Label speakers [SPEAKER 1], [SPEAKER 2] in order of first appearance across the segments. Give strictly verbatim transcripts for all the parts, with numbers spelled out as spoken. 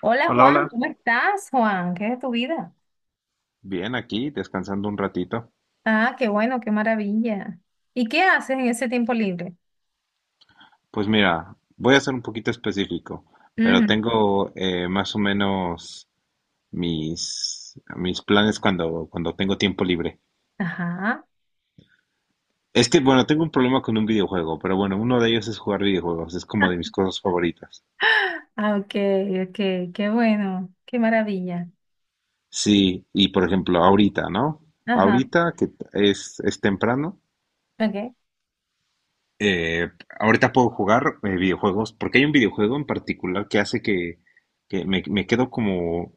[SPEAKER 1] Hola
[SPEAKER 2] Hola,
[SPEAKER 1] Juan,
[SPEAKER 2] hola.
[SPEAKER 1] ¿cómo estás, Juan? ¿Qué es de tu vida?
[SPEAKER 2] Bien, aquí descansando un ratito.
[SPEAKER 1] Ah, qué bueno, qué maravilla. ¿Y qué haces en ese tiempo libre?
[SPEAKER 2] Pues mira, voy a ser un poquito específico, pero
[SPEAKER 1] Ujú.
[SPEAKER 2] tengo eh, más o menos mis, mis planes cuando, cuando tengo tiempo libre.
[SPEAKER 1] Ajá.
[SPEAKER 2] Es que, bueno, tengo un problema con un videojuego, pero bueno, uno de ellos es jugar videojuegos, es como de mis cosas favoritas.
[SPEAKER 1] Ah, ok, ok, qué bueno, qué maravilla.
[SPEAKER 2] Sí, y por ejemplo, ahorita, ¿no?
[SPEAKER 1] Ajá,
[SPEAKER 2] Ahorita que es, es temprano,
[SPEAKER 1] ok.
[SPEAKER 2] eh, ahorita puedo jugar eh, videojuegos, porque hay un videojuego en particular que hace que, que me, me quedo como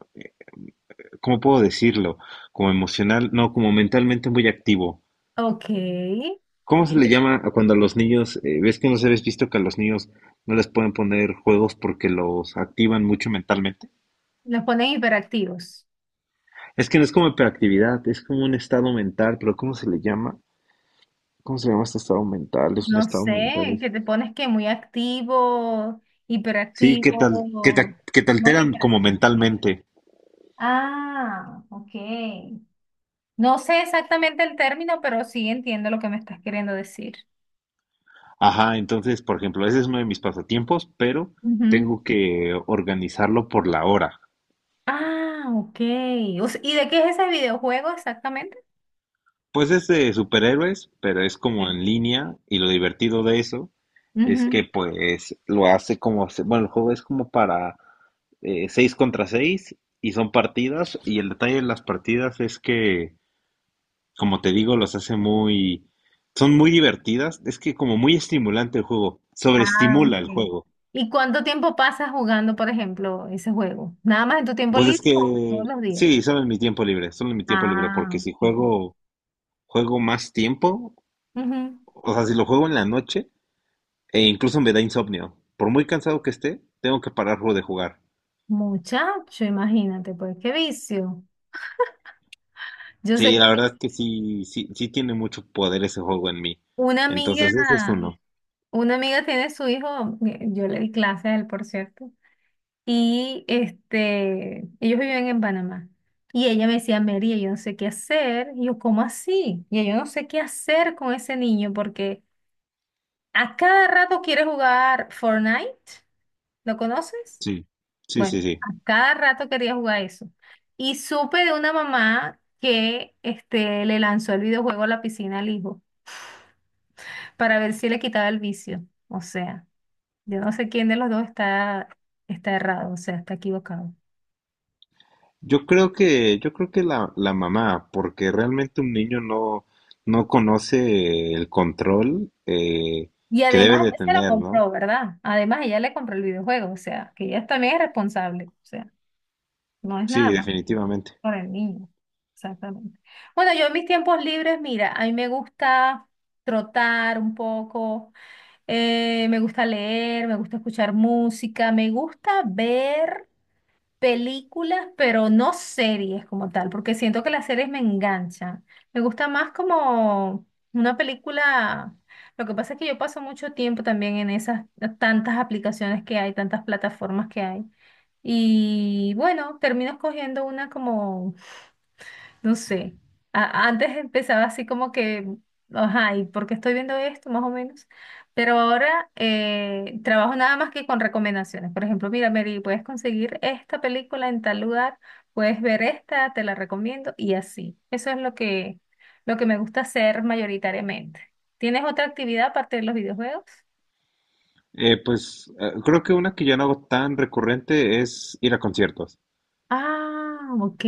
[SPEAKER 2] ¿cómo puedo decirlo? Como emocional, no, como mentalmente muy activo.
[SPEAKER 1] Ok,
[SPEAKER 2] ¿Cómo se le llama a cuando a los niños, eh, ves que no se habéis visto que a los niños no les pueden poner juegos porque los activan mucho mentalmente?
[SPEAKER 1] los ponen hiperactivos.
[SPEAKER 2] Es que no es como hiperactividad, es como un estado mental, pero ¿cómo se le llama? ¿Cómo se llama este estado mental? Es un
[SPEAKER 1] No
[SPEAKER 2] estado mental.
[SPEAKER 1] sé, que te
[SPEAKER 2] Este.
[SPEAKER 1] pones que muy activo,
[SPEAKER 2] Sí, que tal, que te,
[SPEAKER 1] hiperactivo,
[SPEAKER 2] que te
[SPEAKER 1] no
[SPEAKER 2] alteran como
[SPEAKER 1] hiperactivo.
[SPEAKER 2] mentalmente.
[SPEAKER 1] Ah, ok. No sé exactamente el término, pero sí entiendo lo que me estás queriendo decir.
[SPEAKER 2] Ajá, entonces, por ejemplo, ese es uno de mis pasatiempos, pero
[SPEAKER 1] Ujú.
[SPEAKER 2] tengo que organizarlo por la hora.
[SPEAKER 1] Ah, ok. O sea, ¿y de qué es ese videojuego exactamente?
[SPEAKER 2] Pues es de superhéroes, pero es como en
[SPEAKER 1] Ok.
[SPEAKER 2] línea y lo divertido de eso es que
[SPEAKER 1] Ujú.
[SPEAKER 2] pues lo hace como, se- bueno, el juego es como para eh, seis contra seis y son partidas y el detalle de las partidas es que, como te digo, los hace muy, son muy divertidas, es que como muy estimulante el juego,
[SPEAKER 1] Ah,
[SPEAKER 2] sobreestimula el
[SPEAKER 1] ok.
[SPEAKER 2] juego.
[SPEAKER 1] ¿Y cuánto tiempo pasas jugando, por ejemplo, ese juego? ¿Nada más en tu tiempo
[SPEAKER 2] Pues es
[SPEAKER 1] libre o
[SPEAKER 2] que,
[SPEAKER 1] todos los días?
[SPEAKER 2] sí, solo en mi tiempo libre, solo en mi tiempo libre,
[SPEAKER 1] Ah,
[SPEAKER 2] porque si
[SPEAKER 1] ok.
[SPEAKER 2] juego, juego más tiempo,
[SPEAKER 1] Ujú.
[SPEAKER 2] o sea, si lo juego en la noche, e incluso me da insomnio. Por muy cansado que esté, tengo que pararlo de jugar.
[SPEAKER 1] Muchacho, imagínate, pues qué vicio. Yo
[SPEAKER 2] Sí,
[SPEAKER 1] sé
[SPEAKER 2] la
[SPEAKER 1] que
[SPEAKER 2] verdad es que sí, sí, sí tiene mucho poder ese juego en mí.
[SPEAKER 1] una amiga,
[SPEAKER 2] Entonces, ese es uno.
[SPEAKER 1] una amiga tiene su hijo, eh, yo le di clase a él, por cierto. y este, ellos viven en Panamá. Y ella me decía, María, yo no sé qué hacer. Y yo, ¿cómo así? Y yo no sé qué hacer con ese niño porque a cada rato quiere jugar Fortnite. ¿Lo conoces?
[SPEAKER 2] Sí, sí,
[SPEAKER 1] Bueno,
[SPEAKER 2] sí, sí.
[SPEAKER 1] a cada rato quería jugar eso. Y supe de una mamá que este, le lanzó el videojuego a la piscina al hijo para ver si le quitaba el vicio. O sea, yo no sé quién de los dos está, está errado, o sea, está equivocado.
[SPEAKER 2] Yo creo que, yo creo que la, la mamá, porque realmente un niño no, no conoce el control eh,
[SPEAKER 1] Y
[SPEAKER 2] que debe
[SPEAKER 1] además
[SPEAKER 2] de
[SPEAKER 1] ella se lo
[SPEAKER 2] tener, ¿no?
[SPEAKER 1] compró, ¿verdad? Además ella le compró el videojuego, o sea, que ella también es responsable, o sea, no es
[SPEAKER 2] Sí,
[SPEAKER 1] nada más
[SPEAKER 2] definitivamente.
[SPEAKER 1] por el niño. Exactamente. Bueno, yo en mis tiempos libres, mira, a mí me gusta trotar un poco, eh, me gusta leer, me gusta escuchar música, me gusta ver películas, pero no series como tal, porque siento que las series me enganchan. Me gusta más como una película. Lo que pasa es que yo paso mucho tiempo también en esas tantas aplicaciones que hay, tantas plataformas que hay. Y bueno, termino escogiendo una como no sé. A- antes empezaba así como que, ajá, ¿y por qué estoy viendo esto? Más o menos. Pero ahora eh, trabajo nada más que con recomendaciones. Por ejemplo, mira, Mary, puedes conseguir esta película en tal lugar, puedes ver esta, te la recomiendo y así. Eso es lo que, lo que me gusta hacer mayoritariamente. ¿Tienes otra actividad aparte de los videojuegos?
[SPEAKER 2] Eh, pues eh, creo que una que yo no hago tan recurrente es ir a conciertos.
[SPEAKER 1] Ah, ok.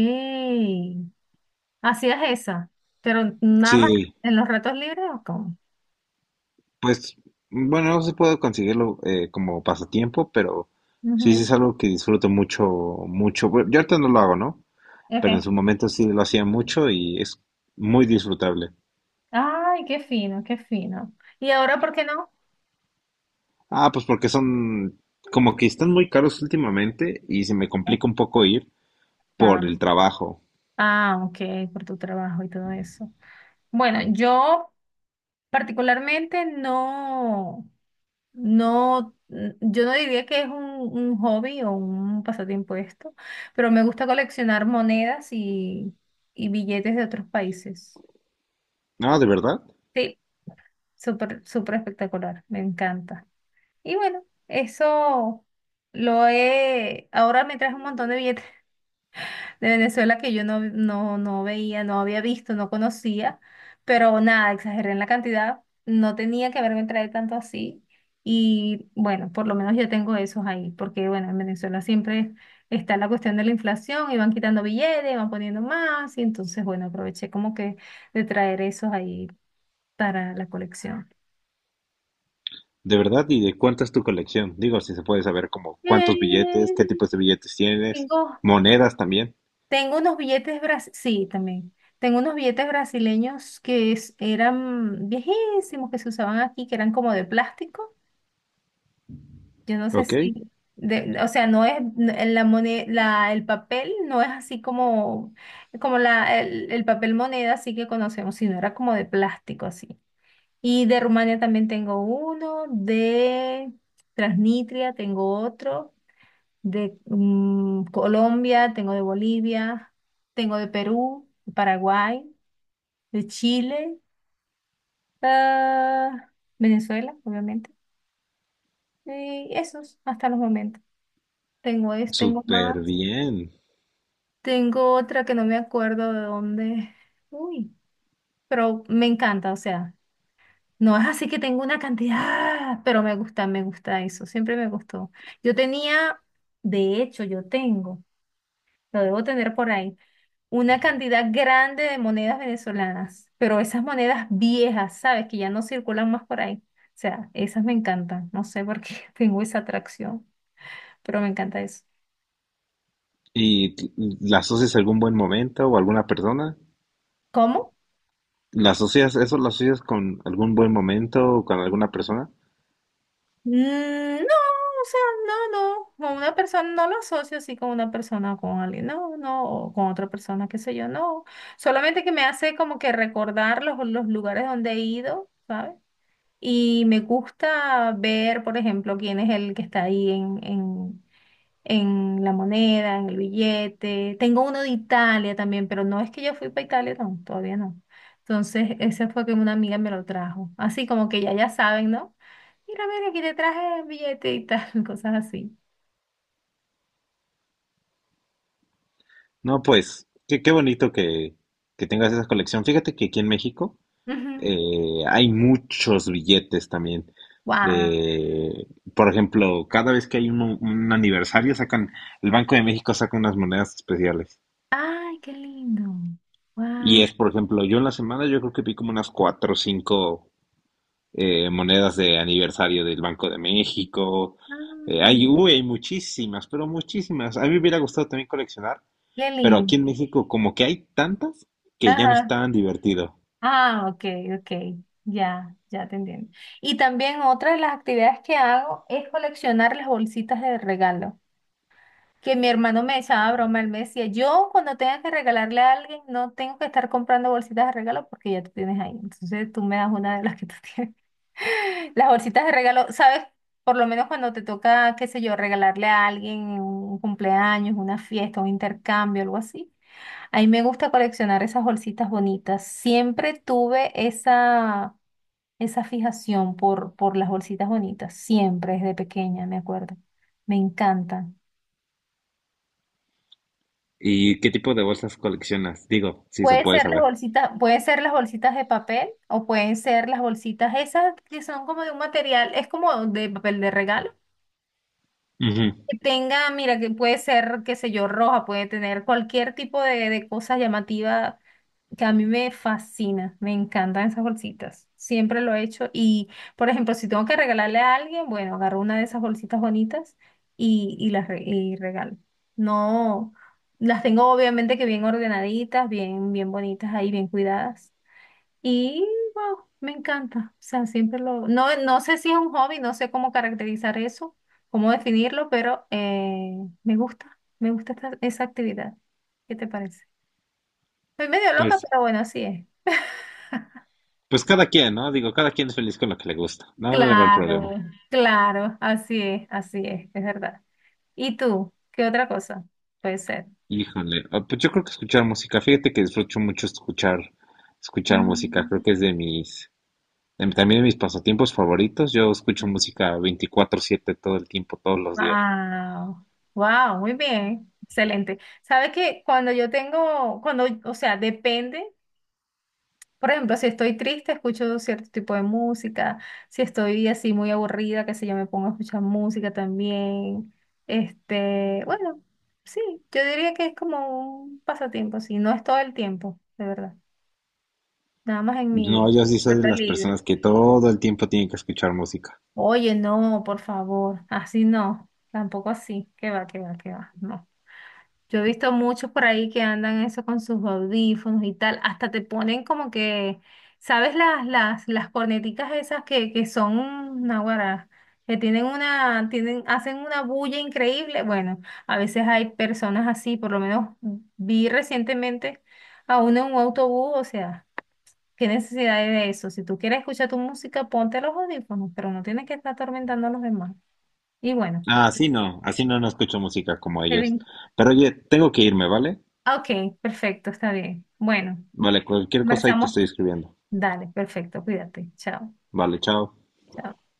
[SPEAKER 1] Hacías esa, pero ¿nada más
[SPEAKER 2] Sí,
[SPEAKER 1] en los ratos libres o cómo?
[SPEAKER 2] pues, bueno, no se puede conseguirlo eh, como pasatiempo, pero sí, sí
[SPEAKER 1] Ujú,
[SPEAKER 2] es algo que disfruto mucho, mucho. Bueno, yo ahorita no lo hago, ¿no? Pero
[SPEAKER 1] ok.
[SPEAKER 2] en su momento sí lo hacía mucho y es muy disfrutable.
[SPEAKER 1] Ay, qué fino, qué fino. ¿Y ahora por qué no?
[SPEAKER 2] Ah, pues porque son como que están muy caros últimamente y se me
[SPEAKER 1] Eh,
[SPEAKER 2] complica un poco ir
[SPEAKER 1] Ah,
[SPEAKER 2] por el trabajo.
[SPEAKER 1] ah, ok, por tu trabajo y todo eso. Bueno, yo particularmente no, no, n- yo no diría que es un, un hobby o un pasatiempo esto, pero me gusta coleccionar monedas y, y billetes de otros países.
[SPEAKER 2] Ah, ¿de verdad?
[SPEAKER 1] Sí, súper, súper espectacular, me encanta. Y bueno, eso lo he, ahora me traje un montón de billetes de Venezuela que yo no, no, no veía, no había visto, no conocía, pero nada, exageré en la cantidad, no tenía que haberme traído tanto así y bueno, por lo menos yo tengo esos ahí, porque bueno, en Venezuela siempre está la cuestión de la inflación y van quitando billetes, van poniendo más y entonces bueno, aproveché como que de traer esos ahí para la colección.
[SPEAKER 2] ¿De verdad? ¿Y de cuánta es tu colección? Digo, si se puede saber como cuántos billetes,
[SPEAKER 1] Eh,
[SPEAKER 2] qué tipos de billetes tienes,
[SPEAKER 1] tengo
[SPEAKER 2] monedas también.
[SPEAKER 1] Tengo unos billetes brasileños, sí, también. Tengo unos billetes brasileños que es- eran viejísimos, que se usaban aquí, que eran como de plástico. Yo no sé
[SPEAKER 2] Ok,
[SPEAKER 1] si, de- o sea, no es, n- la moneda, la, el papel no es así como, como la, el, el papel moneda así que conocemos, sino era como de plástico así. Y de Rumania también tengo uno, de Transnistria tengo otro de mm, Colombia, tengo de Bolivia, tengo de Perú, de Paraguay, de Chile, ah, Venezuela, obviamente. Y esos hasta los momentos. Tengo es, tengo
[SPEAKER 2] súper
[SPEAKER 1] más.
[SPEAKER 2] bien.
[SPEAKER 1] Tengo otra que no me acuerdo de dónde. Uy, pero me encanta, o sea, no es así que tengo una cantidad, pero me gusta, me gusta eso, siempre me gustó. Yo tenía, de hecho, yo tengo, lo debo tener por ahí una cantidad grande de monedas venezolanas, pero esas monedas viejas, ¿sabes? Que ya no circulan más por ahí. O sea, esas me encantan. No sé por qué tengo esa atracción, pero me encanta eso.
[SPEAKER 2] Y la asocias a algún buen momento o alguna persona,
[SPEAKER 1] ¿Cómo?
[SPEAKER 2] la asocias, eso lo asocias con algún buen momento o con alguna persona.
[SPEAKER 1] Mm, no, o sea, no, no. Con una persona no lo asocio así con una persona o con alguien, no, no, o con otra persona, qué sé yo, no. Solamente que me hace como que recordar los, los lugares donde he ido, ¿sabes? Y me gusta ver, por ejemplo, quién es el que está ahí en, en, en la moneda, en el billete. Tengo uno de Italia también, pero no es que yo fui para Italia, no, todavía no. Entonces, ese fue que una amiga me lo trajo. Así como que ya ya saben, ¿no? Mira, mira, aquí te traje el billete y tal, cosas así.
[SPEAKER 2] No, pues, qué, qué bonito que, que tengas esa colección. Fíjate que aquí en México
[SPEAKER 1] Ujú.
[SPEAKER 2] eh, hay muchos billetes también.
[SPEAKER 1] Wow.
[SPEAKER 2] De, por ejemplo, cada vez que hay un, un aniversario, sacan, el Banco de México saca unas monedas especiales.
[SPEAKER 1] Ay, qué lindo.
[SPEAKER 2] Y
[SPEAKER 1] Wow.
[SPEAKER 2] es, por ejemplo, yo en la semana yo creo que vi como unas cuatro o cinco eh, monedas de aniversario del Banco de México. Eh, hay, uy, hay muchísimas, pero muchísimas. A mí me hubiera gustado también coleccionar,
[SPEAKER 1] Qué
[SPEAKER 2] pero aquí
[SPEAKER 1] lindo.
[SPEAKER 2] en México como que hay tantas que ya no es
[SPEAKER 1] Ajá.
[SPEAKER 2] tan divertido.
[SPEAKER 1] Ah, ok, ok. Ya, ya te entiendo. Y también otra de las actividades que hago es coleccionar las bolsitas de regalo. Que mi hermano me echaba broma, él me decía, yo cuando tenga que regalarle a alguien, no tengo que estar comprando bolsitas de regalo porque ya tú tienes ahí. Entonces tú me das una de las que tú tienes. Las bolsitas de regalo, ¿sabes? Por lo menos cuando te toca, qué sé yo, regalarle a alguien un cumpleaños, una fiesta, un intercambio, algo así. A mí me gusta coleccionar esas bolsitas bonitas. Siempre tuve esa, esa fijación por, por las bolsitas bonitas, siempre desde pequeña, me acuerdo. Me encantan.
[SPEAKER 2] ¿Y qué tipo de bolsas coleccionas? Digo, si se
[SPEAKER 1] Puede
[SPEAKER 2] puede
[SPEAKER 1] ser las
[SPEAKER 2] saber.
[SPEAKER 1] bolsitas, puede ser las bolsitas de papel o pueden ser las bolsitas esas que son como de un material, es como de papel de regalo,
[SPEAKER 2] Ujú.
[SPEAKER 1] que tenga, mira, que puede ser, qué sé yo, roja, puede tener cualquier tipo de, de cosa llamativa que a mí me fascina, me encantan esas bolsitas, siempre lo he hecho y, por ejemplo, si tengo que regalarle a alguien, bueno, agarro una de esas bolsitas bonitas y, y las re- y regalo. No, las tengo obviamente que bien ordenaditas, bien, bien bonitas ahí, bien cuidadas. Y wow, me encanta. O sea, siempre lo... No, no sé si es un hobby, no sé cómo caracterizar eso, cómo definirlo, pero eh, me gusta, me gusta esta- esa actividad. ¿Qué te parece? Soy medio loca,
[SPEAKER 2] Pues,
[SPEAKER 1] pero bueno, así es.
[SPEAKER 2] pues cada quien, ¿no? Digo, cada quien es feliz con lo que le gusta. Nada de ver problema.
[SPEAKER 1] Claro, claro, así es, así es, es verdad. ¿Y tú? ¿Qué otra cosa puede ser?
[SPEAKER 2] Híjole, ah, pues yo creo que escuchar música, fíjate que disfruto mucho escuchar, escuchar música,
[SPEAKER 1] Mm.
[SPEAKER 2] creo que es de mis, Em, también mis pasatiempos favoritos, yo escucho música veinticuatro siete todo el tiempo, todos los días.
[SPEAKER 1] Wow, wow, muy bien, excelente. Sabes que cuando yo tengo, cuando, o sea, depende. Por ejemplo, si estoy triste, escucho cierto tipo de música. Si estoy así muy aburrida, qué sé yo, me pongo a escuchar música también. Este, bueno, sí, yo diría que es como un pasatiempo, sí, no es todo el tiempo, de verdad. Nada más en mi
[SPEAKER 2] No, yo sí soy de
[SPEAKER 1] carta
[SPEAKER 2] las
[SPEAKER 1] libre.
[SPEAKER 2] personas que todo el tiempo tienen que escuchar música.
[SPEAKER 1] Oye, no, por favor, así no, tampoco así. Qué va, qué va, qué va, no. Yo he visto muchos por ahí que andan eso con sus audífonos y tal, hasta te ponen como que, ¿sabes las, las, las corneticas esas que, que son naguará? Que tienen una, tienen, hacen una bulla increíble. Bueno, a veces hay personas así, por lo menos vi recientemente a uno en un autobús, o sea, ¿qué necesidad hay de eso? Si tú quieres escuchar tu música, ponte los audífonos, pero no tienes que estar atormentando a los demás. Y bueno,
[SPEAKER 2] Ah, así no, así no, no escucho música como
[SPEAKER 1] se
[SPEAKER 2] ellos.
[SPEAKER 1] ven-
[SPEAKER 2] Pero oye, tengo que irme, ¿vale?
[SPEAKER 1] ok, perfecto, está bien. Bueno.
[SPEAKER 2] Vale, cualquier cosa ahí te
[SPEAKER 1] Conversamos.
[SPEAKER 2] estoy escribiendo.
[SPEAKER 1] Dale, perfecto, cuídate. Chao,
[SPEAKER 2] Vale, chao.
[SPEAKER 1] chao.